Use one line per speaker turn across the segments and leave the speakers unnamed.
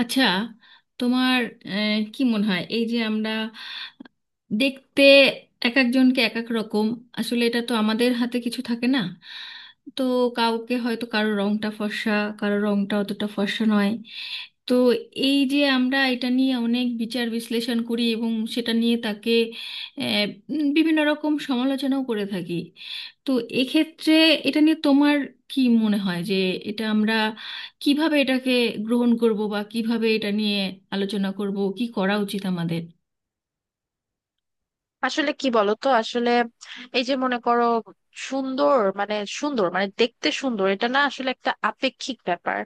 আচ্ছা, তোমার কি মনে হয়, এই যে আমরা দেখতে এক একজনকে এক এক রকম? আসলে এটা তো আমাদের হাতে কিছু থাকে না। তো কাউকে হয়তো, কারো রংটা ফর্সা, কারো রংটা অতটা ফর্সা নয়। তো এই যে আমরা এটা নিয়ে অনেক বিচার বিশ্লেষণ করি এবং সেটা নিয়ে তাকে আহ, বিভিন্ন রকম সমালোচনাও করে থাকি। তো এক্ষেত্রে এটা নিয়ে তোমার কি মনে হয় যে এটা আমরা কিভাবে এটাকে গ্রহণ করব, বা কিভাবে এটা নিয়ে আলোচনা করব, কি করা উচিত আমাদের?
আসলে কি বলতো? আসলে এই যে মনে করো, সুন্দর মানে সুন্দর মানে দেখতে সুন্দর এটা না, আসলে একটা আপেক্ষিক ব্যাপার।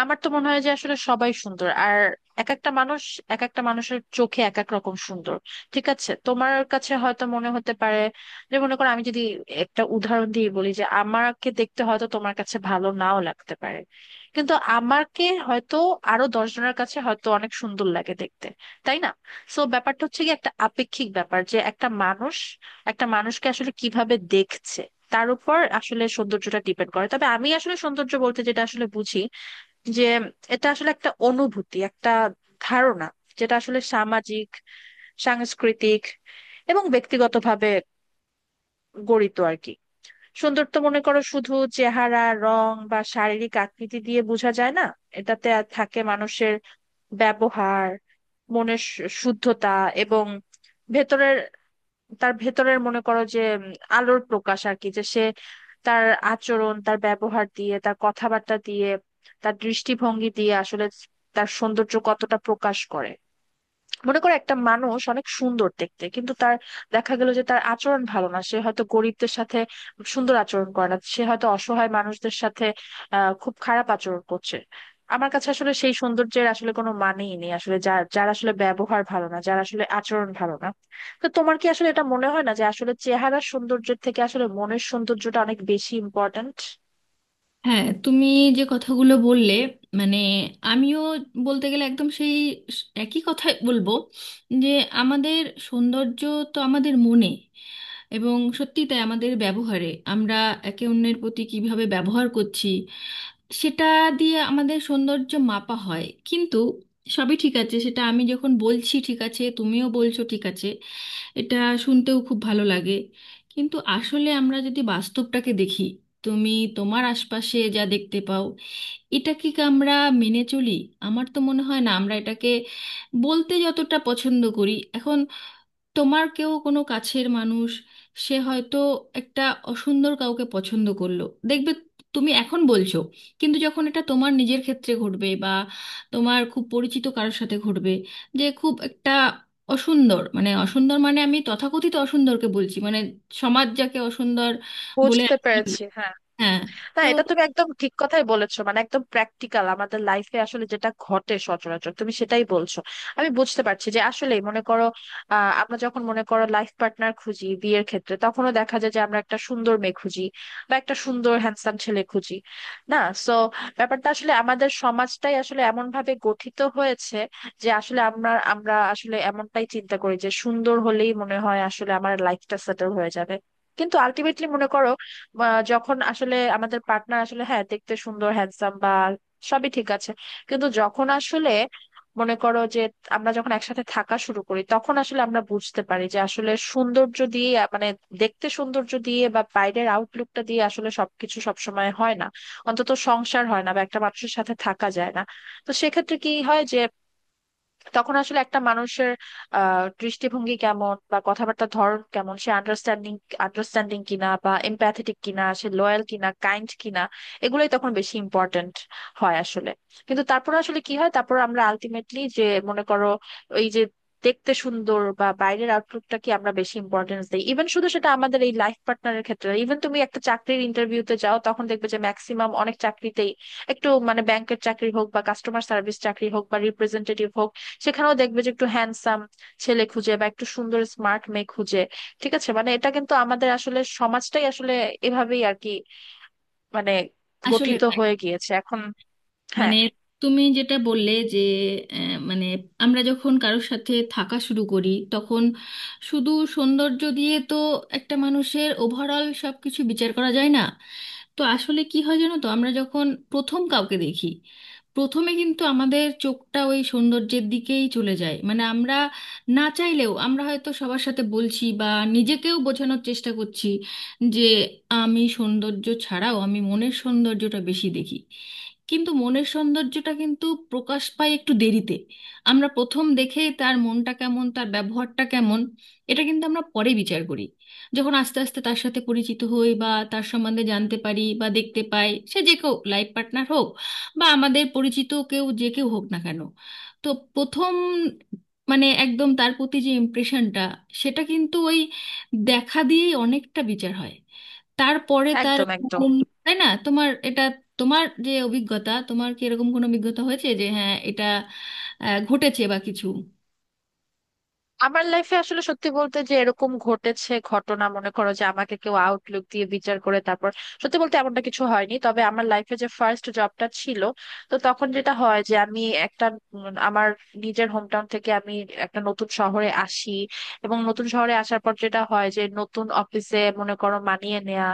আমার তো মনে হয় যে আসলে সবাই সুন্দর। আর এক একটা মানুষ এক একটা মানুষের চোখে এক এক রকম সুন্দর। ঠিক আছে, তোমার কাছে হয়তো মনে হতে পারে, যে মনে করো আমি যদি একটা উদাহরণ দিয়ে বলি, যে আমাকে দেখতে হয়তো তোমার কাছে ভালো নাও লাগতে পারে, কিন্তু আমাকে হয়তো আরো 10 জনের কাছে হয়তো অনেক সুন্দর লাগে দেখতে। তাই না? সো ব্যাপারটা হচ্ছে কি, একটা আপেক্ষিক ব্যাপার যে একটা মানুষ একটা মানুষকে আসলে কিভাবে দেখছে তার উপর আসলে সৌন্দর্যটা ডিপেন্ড করে। তবে আমি আসলে সৌন্দর্য বলতে যেটা আসলে বুঝি, যে এটা আসলে একটা অনুভূতি, একটা ধারণা, যেটা আসলে সামাজিক, সাংস্কৃতিক এবং ব্যক্তিগতভাবে গড়িত আর কি। সৌন্দর্য মনে করো শুধু চেহারা, রং বা শারীরিক আকৃতি দিয়ে বোঝা যায় না। এটাতে থাকে মানুষের ব্যবহার, মনের শুদ্ধতা এবং ভেতরের, তার ভেতরের মনে করো যে আলোর প্রকাশ আর কি। যে সে তার আচরণ, তার ব্যবহার দিয়ে, তার কথাবার্তা দিয়ে, তার দৃষ্টিভঙ্গি দিয়ে আসলে তার সৌন্দর্য কতটা প্রকাশ করে। মনে করো একটা মানুষ অনেক সুন্দর দেখতে, কিন্তু তার দেখা গেল যে তার আচরণ ভালো না, সে হয়তো গরিবদের সাথে সুন্দর আচরণ করে না, সে হয়তো অসহায় মানুষদের সাথে খুব খারাপ আচরণ করছে। আমার কাছে আসলে সেই সৌন্দর্যের আসলে কোনো মানেই নেই, আসলে যার যার আসলে ব্যবহার ভালো না, যার আসলে আচরণ ভালো না। তো তোমার কি আসলে এটা মনে হয় না, যে আসলে চেহারার সৌন্দর্যের থেকে আসলে মনের সৌন্দর্যটা অনেক বেশি ইম্পর্ট্যান্ট?
হ্যাঁ, তুমি যে কথাগুলো বললে, মানে আমিও বলতে গেলে একদম সেই একই কথাই বলবো যে আমাদের সৌন্দর্য তো আমাদের মনে, এবং সত্যি তাই, আমাদের ব্যবহারে আমরা একে অন্যের প্রতি কিভাবে ব্যবহার করছি সেটা দিয়ে আমাদের সৌন্দর্য মাপা হয়। কিন্তু সবই ঠিক আছে, সেটা আমি যখন বলছি ঠিক আছে, তুমিও বলছো ঠিক আছে, এটা শুনতেও খুব ভালো লাগে। কিন্তু আসলে আমরা যদি বাস্তবটাকে দেখি, তুমি তোমার আশপাশে যা দেখতে পাও, এটা কি আমরা মেনে চলি? আমার তো মনে হয় না আমরা এটাকে বলতে যতটা পছন্দ করি। এখন তোমার কেউ কোনো কাছের মানুষ, সে হয়তো একটা অসুন্দর কাউকে পছন্দ করলো, দেখবে তুমি এখন বলছো, কিন্তু যখন এটা তোমার নিজের ক্ষেত্রে ঘটবে বা তোমার খুব পরিচিত কারোর সাথে ঘটবে, যে খুব একটা অসুন্দর, মানে অসুন্দর মানে আমি তথাকথিত অসুন্দরকে বলছি, মানে সমাজ যাকে অসুন্দর বলে।
বুঝতে পেরেছি, হ্যাঁ।
হ্যাঁ,
না,
তো
এটা তুমি একদম ঠিক কথাই বলেছো, মানে একদম প্র্যাকটিক্যাল আমাদের লাইফে আসলে যেটা ঘটে সচরাচর তুমি সেটাই বলছো। আমি বুঝতে পারছি যে আসলে মনে করো, আমরা যখন মনে করো লাইফ পার্টনার খুঁজি বিয়ের ক্ষেত্রে, তখনও দেখা যায় যে আমরা একটা সুন্দর মেয়ে খুঁজি বা একটা সুন্দর হ্যান্ডসাম ছেলে খুঁজি, না? সো ব্যাপারটা আসলে আমাদের সমাজটাই আসলে এমন ভাবে গঠিত হয়েছে যে আসলে আমরা আমরা আসলে এমনটাই চিন্তা করি যে সুন্দর হলেই মনে হয় আসলে আমার লাইফটা সেটেল হয়ে যাবে। কিন্তু আলটিমেটলি মনে করো, যখন আসলে আমাদের পার্টনার আসলে, হ্যাঁ, দেখতে সুন্দর হ্যান্ডসাম বা সবই ঠিক আছে, কিন্তু যখন আসলে মনে করো যে আমরা যখন একসাথে থাকা শুরু করি, তখন আসলে আমরা বুঝতে পারি যে আসলে সৌন্দর্য দিয়ে, মানে দেখতে সৌন্দর্য দিয়ে বা বাইরের আউটলুকটা দিয়ে আসলে সবকিছু সবসময় হয় না, অন্তত সংসার হয় না বা একটা মানুষের সাথে থাকা যায় না। তো সেক্ষেত্রে কি হয় যে তখন আসলে একটা মানুষের দৃষ্টিভঙ্গি কেমন বা কথাবার্তার ধরন কেমন, সে আন্ডারস্ট্যান্ডিং আন্ডারস্ট্যান্ডিং কিনা বা এমপ্যাথেটিক কিনা, সে লয়াল কিনা, কাইন্ড কিনা, এগুলোই তখন বেশি ইম্পর্ট্যান্ট হয় আসলে। কিন্তু তারপর আসলে কি হয়, তারপর আমরা আলটিমেটলি যে, মনে করো এই যে দেখতে সুন্দর বা বাইরের আউটলুকটা কি আমরা বেশি ইম্পর্টেন্স দিই। ইভেন শুধু সেটা আমাদের এই লাইফ পার্টনারের ক্ষেত্রে, ইভেন তুমি একটা চাকরির ইন্টারভিউতে যাও, তখন দেখবে যে ম্যাক্সিমাম অনেক চাকরিতেই একটু, মানে ব্যাংকের চাকরি হোক বা কাস্টমার সার্ভিস চাকরি হোক বা রিপ্রেজেন্টেটিভ হোক, সেখানেও দেখবে যে একটু হ্যান্ডসাম ছেলে খুঁজে বা একটু সুন্দর স্মার্ট মেয়ে খুঁজে। ঠিক আছে, মানে এটা কিন্তু আমাদের আসলে সমাজটাই আসলে এভাবেই আর কি, মানে
আসলে
গঠিত
তাই।
হয়ে গিয়েছে এখন। হ্যাঁ,
মানে তুমি যেটা বললে যে মানে আমরা যখন কারোর সাথে থাকা শুরু করি তখন শুধু সৌন্দর্য দিয়ে তো একটা মানুষের ওভারঅল সব কিছু বিচার করা যায় না। তো আসলে কি হয় জানো তো, আমরা যখন প্রথম কাউকে দেখি, প্রথমে কিন্তু আমাদের চোখটা ওই সৌন্দর্যের দিকেই চলে যায়। মানে আমরা না চাইলেও, আমরা হয়তো সবার সাথে বলছি বা নিজেকেও বোঝানোর চেষ্টা করছি যে আমি সৌন্দর্য ছাড়াও, আমি মনের সৌন্দর্যটা বেশি দেখি। কিন্তু মনের সৌন্দর্যটা কিন্তু প্রকাশ পায় একটু দেরিতে। আমরা প্রথম দেখে তার মনটা কেমন, তার ব্যবহারটা কেমন, এটা কিন্তু আমরা পরে বিচার করি, যখন আস্তে আস্তে তার সাথে পরিচিত হই বা তার সম্বন্ধে জানতে পারি বা দেখতে পাই, সে যে কেউ, লাইফ পার্টনার হোক বা আমাদের পরিচিত কেউ, যে কেউ হোক না কেন। তো প্রথম, মানে একদম তার প্রতি যে ইমপ্রেশনটা, সেটা কিন্তু ওই দেখা দিয়েই অনেকটা বিচার হয়। তারপরে তার
একদম একদম।
উম, তাই না? তোমার এটা, তোমার যে অভিজ্ঞতা, তোমার কি এরকম কোনো অভিজ্ঞতা হয়েছে যে হ্যাঁ, এটা ঘটেছে বা কিছু?
আমার লাইফে আসলে সত্যি বলতে যে এরকম ঘটেছে ঘটনা মনে করো যে আমাকে কেউ আউটলুক দিয়ে বিচার করে তারপর, সত্যি বলতে এমনটা কিছু হয়নি। তবে আমার লাইফে যে ফার্স্ট জবটা ছিল, তো তখন যেটা হয় যে আমি একটা, আমার নিজের হোমটাউন থেকে আমি একটা নতুন শহরে আসি। এবং নতুন শহরে আসার পর যেটা হয় যে নতুন অফিসে মনে করো মানিয়ে নেওয়া,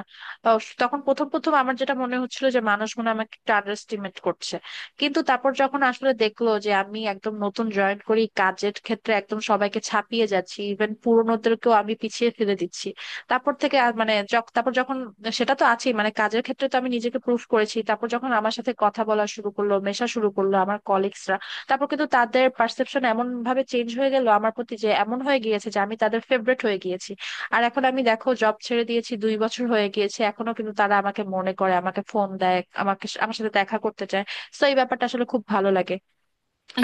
তখন প্রথম প্রথম আমার যেটা মনে হচ্ছিল যে মানুষ মনে হয় আমাকে একটু আন্ডারস্টিমেট করছে। কিন্তু তারপর যখন আসলে দেখলো যে আমি একদম নতুন জয়েন করি, কাজের ক্ষেত্রে একদম সবাইকে ছাপিয়ে যাচ্ছি, ইভেন পুরোনোদেরকেও আমি পিছিয়ে ফেলে দিচ্ছি, তারপর থেকে আর মানে তারপর যখন, সেটা তো আছেই, মানে কাজের ক্ষেত্রে তো আমি নিজেকে প্রুফ করেছি, তারপর যখন আমার সাথে কথা বলা শুরু করলো, মেশা শুরু করলো আমার কলিগসরা, তারপর কিন্তু তাদের পারসেপশন এমন ভাবে চেঞ্জ হয়ে গেল আমার প্রতি, যে এমন হয়ে গিয়েছে যে আমি তাদের ফেভারিট হয়ে গিয়েছি। আর এখন আমি দেখো জব ছেড়ে দিয়েছি, 2 বছর হয়ে গিয়েছে, এখনো কিন্তু তারা আমাকে মনে করে, আমাকে ফোন দেয়, আমাকে, আমার সাথে দেখা করতে চায়। তো এই ব্যাপারটা আসলে খুব ভালো লাগে।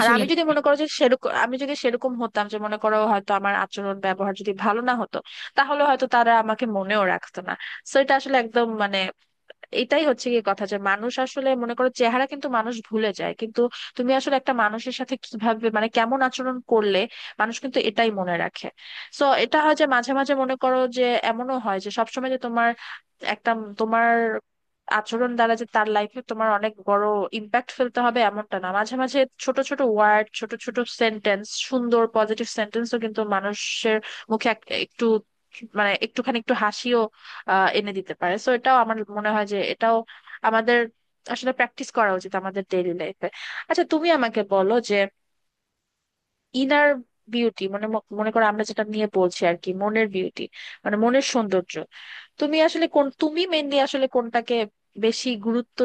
আর আমি যদি মনে করো যে সেরকম, আমি যদি সেরকম হতাম, যে মনে করো হয়তো আমার আচরণ ব্যবহার যদি ভালো না হতো, তাহলে হয়তো তারা আমাকে মনেও রাখতো না। তো এটা আসলে একদম, মানে এটাই হচ্ছে কি কথা যে মানুষ আসলে মনে করো চেহারা কিন্তু মানুষ ভুলে যায়, কিন্তু তুমি আসলে একটা মানুষের সাথে কিভাবে, মানে কেমন আচরণ করলে মানুষ কিন্তু এটাই মনে রাখে। সো এটা হয় যে মাঝে মাঝে মনে করো যে, এমনও হয় যে সবসময় যে তোমার একটা, তোমার আচরণ দ্বারা যে তার লাইফে তোমার অনেক বড় ইম্প্যাক্ট ফেলতে হবে এমনটা না, মাঝে মাঝে ছোট ছোট ওয়ার্ড, ছোট ছোট সেন্টেন্স, সুন্দর পজিটিভ সেন্টেন্সও কিন্তু মানুষের মুখে একটু, মানে একটুখানি, একটু হাসিও এনে দিতে পারে। সো এটাও আমার মনে হয় যে এটাও আমাদের আসলে প্র্যাকটিস করা উচিত আমাদের ডেইলি লাইফে। আচ্ছা তুমি আমাকে বলো যে ইনার বিউটি মানে, মনে করো আমরা যেটা নিয়ে বলছি আর কি, মনের বিউটি মানে মনের সৌন্দর্য, তুমি আসলে কোন, তুমি মেনলি আসলে কোনটাকে বেশি গুরুত্ব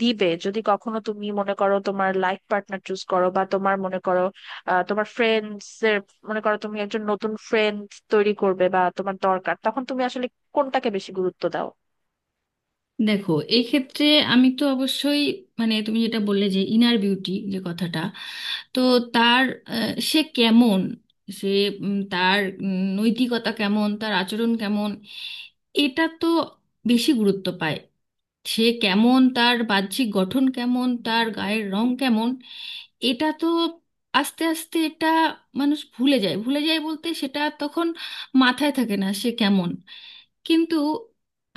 দিবে যদি কখনো, তুমি মনে করো তোমার লাইফ পার্টনার চুজ করো, বা তোমার মনে করো তোমার ফ্রেন্ডস এর, মনে করো তুমি একজন নতুন ফ্রেন্ড তৈরি করবে বা তোমার দরকার, তখন তুমি আসলে কোনটাকে বেশি গুরুত্ব দাও?
দেখো, এই ক্ষেত্রে আমি তো অবশ্যই, মানে তুমি যেটা বললে যে ইনার বিউটি, যে কথাটা, তো তার সে কেমন, সে তার নৈতিকতা কেমন, তার আচরণ কেমন, এটা তো বেশি গুরুত্ব পায়। সে কেমন, তার বাহ্যিক গঠন কেমন, তার গায়ের রং কেমন, এটা তো আস্তে আস্তে এটা মানুষ ভুলে যায়। ভুলে যায় বলতে সেটা তখন মাথায় থাকে না সে কেমন। কিন্তু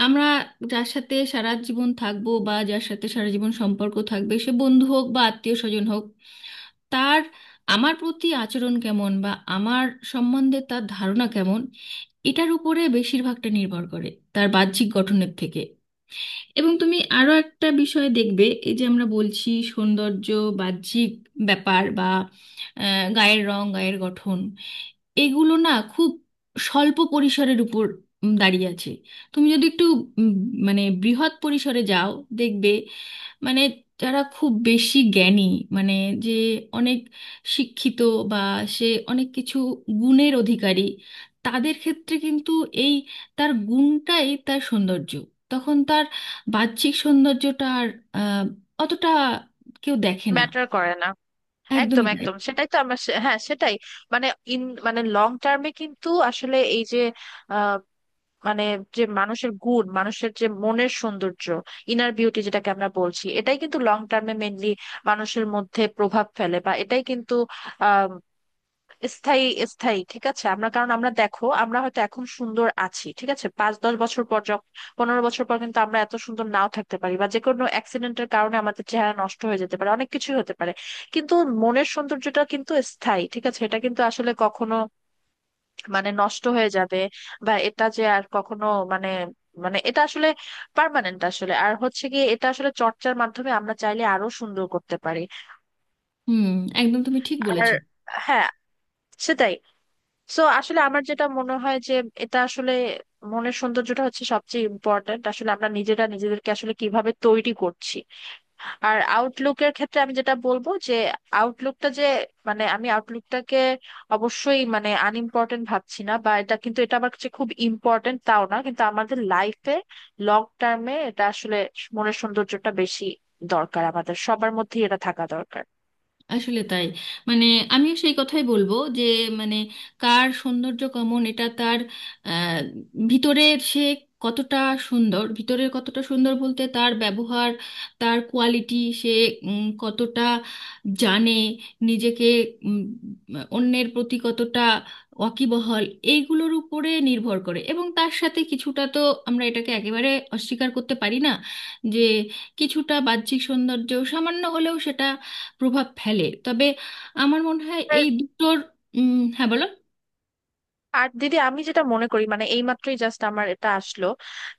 আমরা যার সাথে সারা জীবন থাকবো বা যার সাথে সারা জীবন সম্পর্ক থাকবে, সে বন্ধু হোক বা আত্মীয় স্বজন হোক, তার আমার প্রতি আচরণ কেমন বা আমার সম্বন্ধে তার ধারণা কেমন, এটার উপরে বেশিরভাগটা নির্ভর করে, তার বাহ্যিক গঠনের থেকে। এবং তুমি আরো একটা বিষয় দেখবে, এই যে আমরা বলছি সৌন্দর্য, বাহ্যিক ব্যাপার বা গায়ের রং, গায়ের গঠন, এগুলো না খুব স্বল্প পরিসরের উপর দাঁড়িয়ে আছে। তুমি যদি একটু উম, মানে বৃহৎ পরিসরে যাও, দেখবে মানে যারা খুব বেশি জ্ঞানী, মানে যে অনেক শিক্ষিত বা সে অনেক কিছু গুণের অধিকারী, তাদের ক্ষেত্রে কিন্তু এই তার গুণটাই তার সৌন্দর্য। তখন তার বাহ্যিক সৌন্দর্যটা আর আহ, অতটা কেউ দেখে না।
ম্যাটার করে না। একদম
একদমই তাই।
একদম সেটাই তো আমরা, হ্যাঁ সেটাই, মানে ইন, মানে লং টার্মে কিন্তু আসলে এই যে, আহ, মানে যে মানুষের গুণ, মানুষের যে মনের সৌন্দর্য, ইনার বিউটি যেটাকে আমরা বলছি, এটাই কিন্তু লং টার্মে মেনলি মানুষের মধ্যে প্রভাব ফেলে, বা এটাই কিন্তু স্থায়ী। স্থায়ী, ঠিক আছে। আমরা, কারণ আমরা দেখো আমরা হয়তো এখন সুন্দর আছি ঠিক আছে, 5-10 বছর পর যখন, 15 বছর পর কিন্তু আমরা এত সুন্দর নাও থাকতে পারি, বা যে কোনো অ্যাক্সিডেন্টের কারণে আমাদের চেহারা নষ্ট হয়ে যেতে পারে, অনেক কিছুই হতে পারে। কিন্তু মনের সৌন্দর্যটা কিন্তু স্থায়ী, ঠিক আছে। এটা কিন্তু আসলে কখনো, মানে নষ্ট হয়ে যাবে, বা এটা যে আর কখনো, মানে, মানে এটা আসলে পার্মানেন্ট আসলে। আর হচ্ছে কি, এটা আসলে চর্চার মাধ্যমে আমরা চাইলে আরো সুন্দর করতে পারি।
হুম, একদম তুমি ঠিক বলেছ।
আর হ্যাঁ, সেটাই, সো আসলে আমার যেটা মনে হয় যে এটা আসলে মনের সৌন্দর্যটা হচ্ছে সবচেয়ে ইম্পর্ট্যান্ট, আসলে আমরা নিজেরা নিজেদেরকে আসলে কিভাবে তৈরি করছি। আর আউটলুকের ক্ষেত্রে আমি যেটা বলবো যে আউটলুকটা যে, মানে আমি আউটলুকটাকে অবশ্যই মানে আনইম্পর্ট্যান্ট ভাবছি না, বা এটা কিন্তু, এটা আমার কাছে খুব ইম্পর্ট্যান্ট তাও না, কিন্তু আমাদের লাইফে লং টার্মে এটা আসলে, মনের সৌন্দর্যটা বেশি দরকার, আমাদের সবার মধ্যেই এটা থাকা দরকার।
আসলে তাই। মানে আমিও সেই কথাই বলবো যে, মানে কার সৌন্দর্য কেমন, এটা তার আহ, ভিতরের সে কতটা সুন্দর। ভিতরের কতটা সুন্দর বলতে তার ব্যবহার, তার কোয়ালিটি, সে কতটা জানে নিজেকে, উম, অন্যের প্রতি কতটা ওয়াকিবহাল, এইগুলোর উপরে নির্ভর করে। এবং তার সাথে কিছুটা তো, আমরা এটাকে একেবারে অস্বীকার করতে পারি না যে কিছুটা বাহ্যিক সৌন্দর্য সামান্য হলেও সেটা প্রভাব ফেলে। তবে আমার মনে হয় এই দুটোর হ্যাঁ, বলো।
আর দিদি আমি যেটা মনে করি মানে এইমাত্রই জাস্ট আমার এটা আসলো,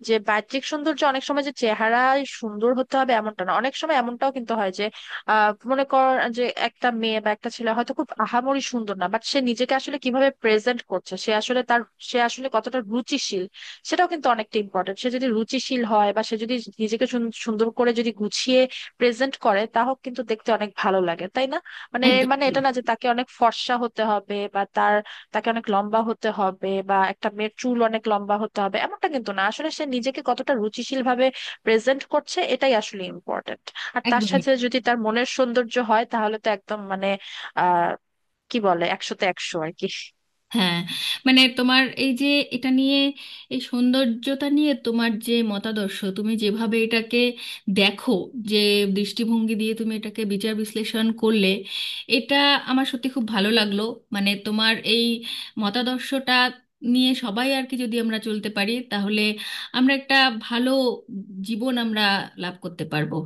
যে বাহ্যিক সৌন্দর্য অনেক সময় যে চেহারায় সুন্দর হতে হবে এমনটা না, অনেক সময় এমনটাও কিন্তু হয় যে মনে কর যে একটা মেয়ে বা একটা ছেলে হয়তো খুব আহামরি সুন্দর না, বাট সে নিজেকে আসলে কিভাবে প্রেজেন্ট করছে, সে আসলে তার, সে আসলে কতটা রুচিশীল, সেটাও কিন্তু অনেকটা ইম্পর্টেন্ট। সে যদি রুচিশীল হয় বা সে যদি নিজেকে সুন্দর করে যদি গুছিয়ে প্রেজেন্ট করে, তাহলে কিন্তু দেখতে অনেক ভালো লাগে, তাই না? মানে এর
একদম,
মানে এটা না যে তাকে অনেক ফর্সা হতে হবে বা তার, তাকে অনেক লম্বা হতে হবে বা একটা মেয়ের চুল অনেক লম্বা হতে হবে এমনটা কিন্তু না, আসলে সে নিজেকে কতটা রুচিশীল ভাবে প্রেজেন্ট করছে এটাই আসলে ইম্পর্টেন্ট। আর তার
একদমই,
সাথে যদি তার মনের সৌন্দর্য হয় তাহলে তো একদম, মানে আহ কি বলে, 100-তে 100 আর কি।
হ্যাঁ। মানে তোমার এই যে এটা নিয়ে, এই সৌন্দর্যতা নিয়ে তোমার যে মতাদর্শ, তুমি যেভাবে এটাকে দেখো, যে দৃষ্টিভঙ্গি দিয়ে তুমি এটাকে বিচার বিশ্লেষণ করলে, এটা আমার সত্যি খুব ভালো লাগলো। মানে তোমার এই মতাদর্শটা নিয়ে সবাই আর কি যদি আমরা চলতে পারি, তাহলে আমরা একটা ভালো জীবন আমরা লাভ করতে পারবো।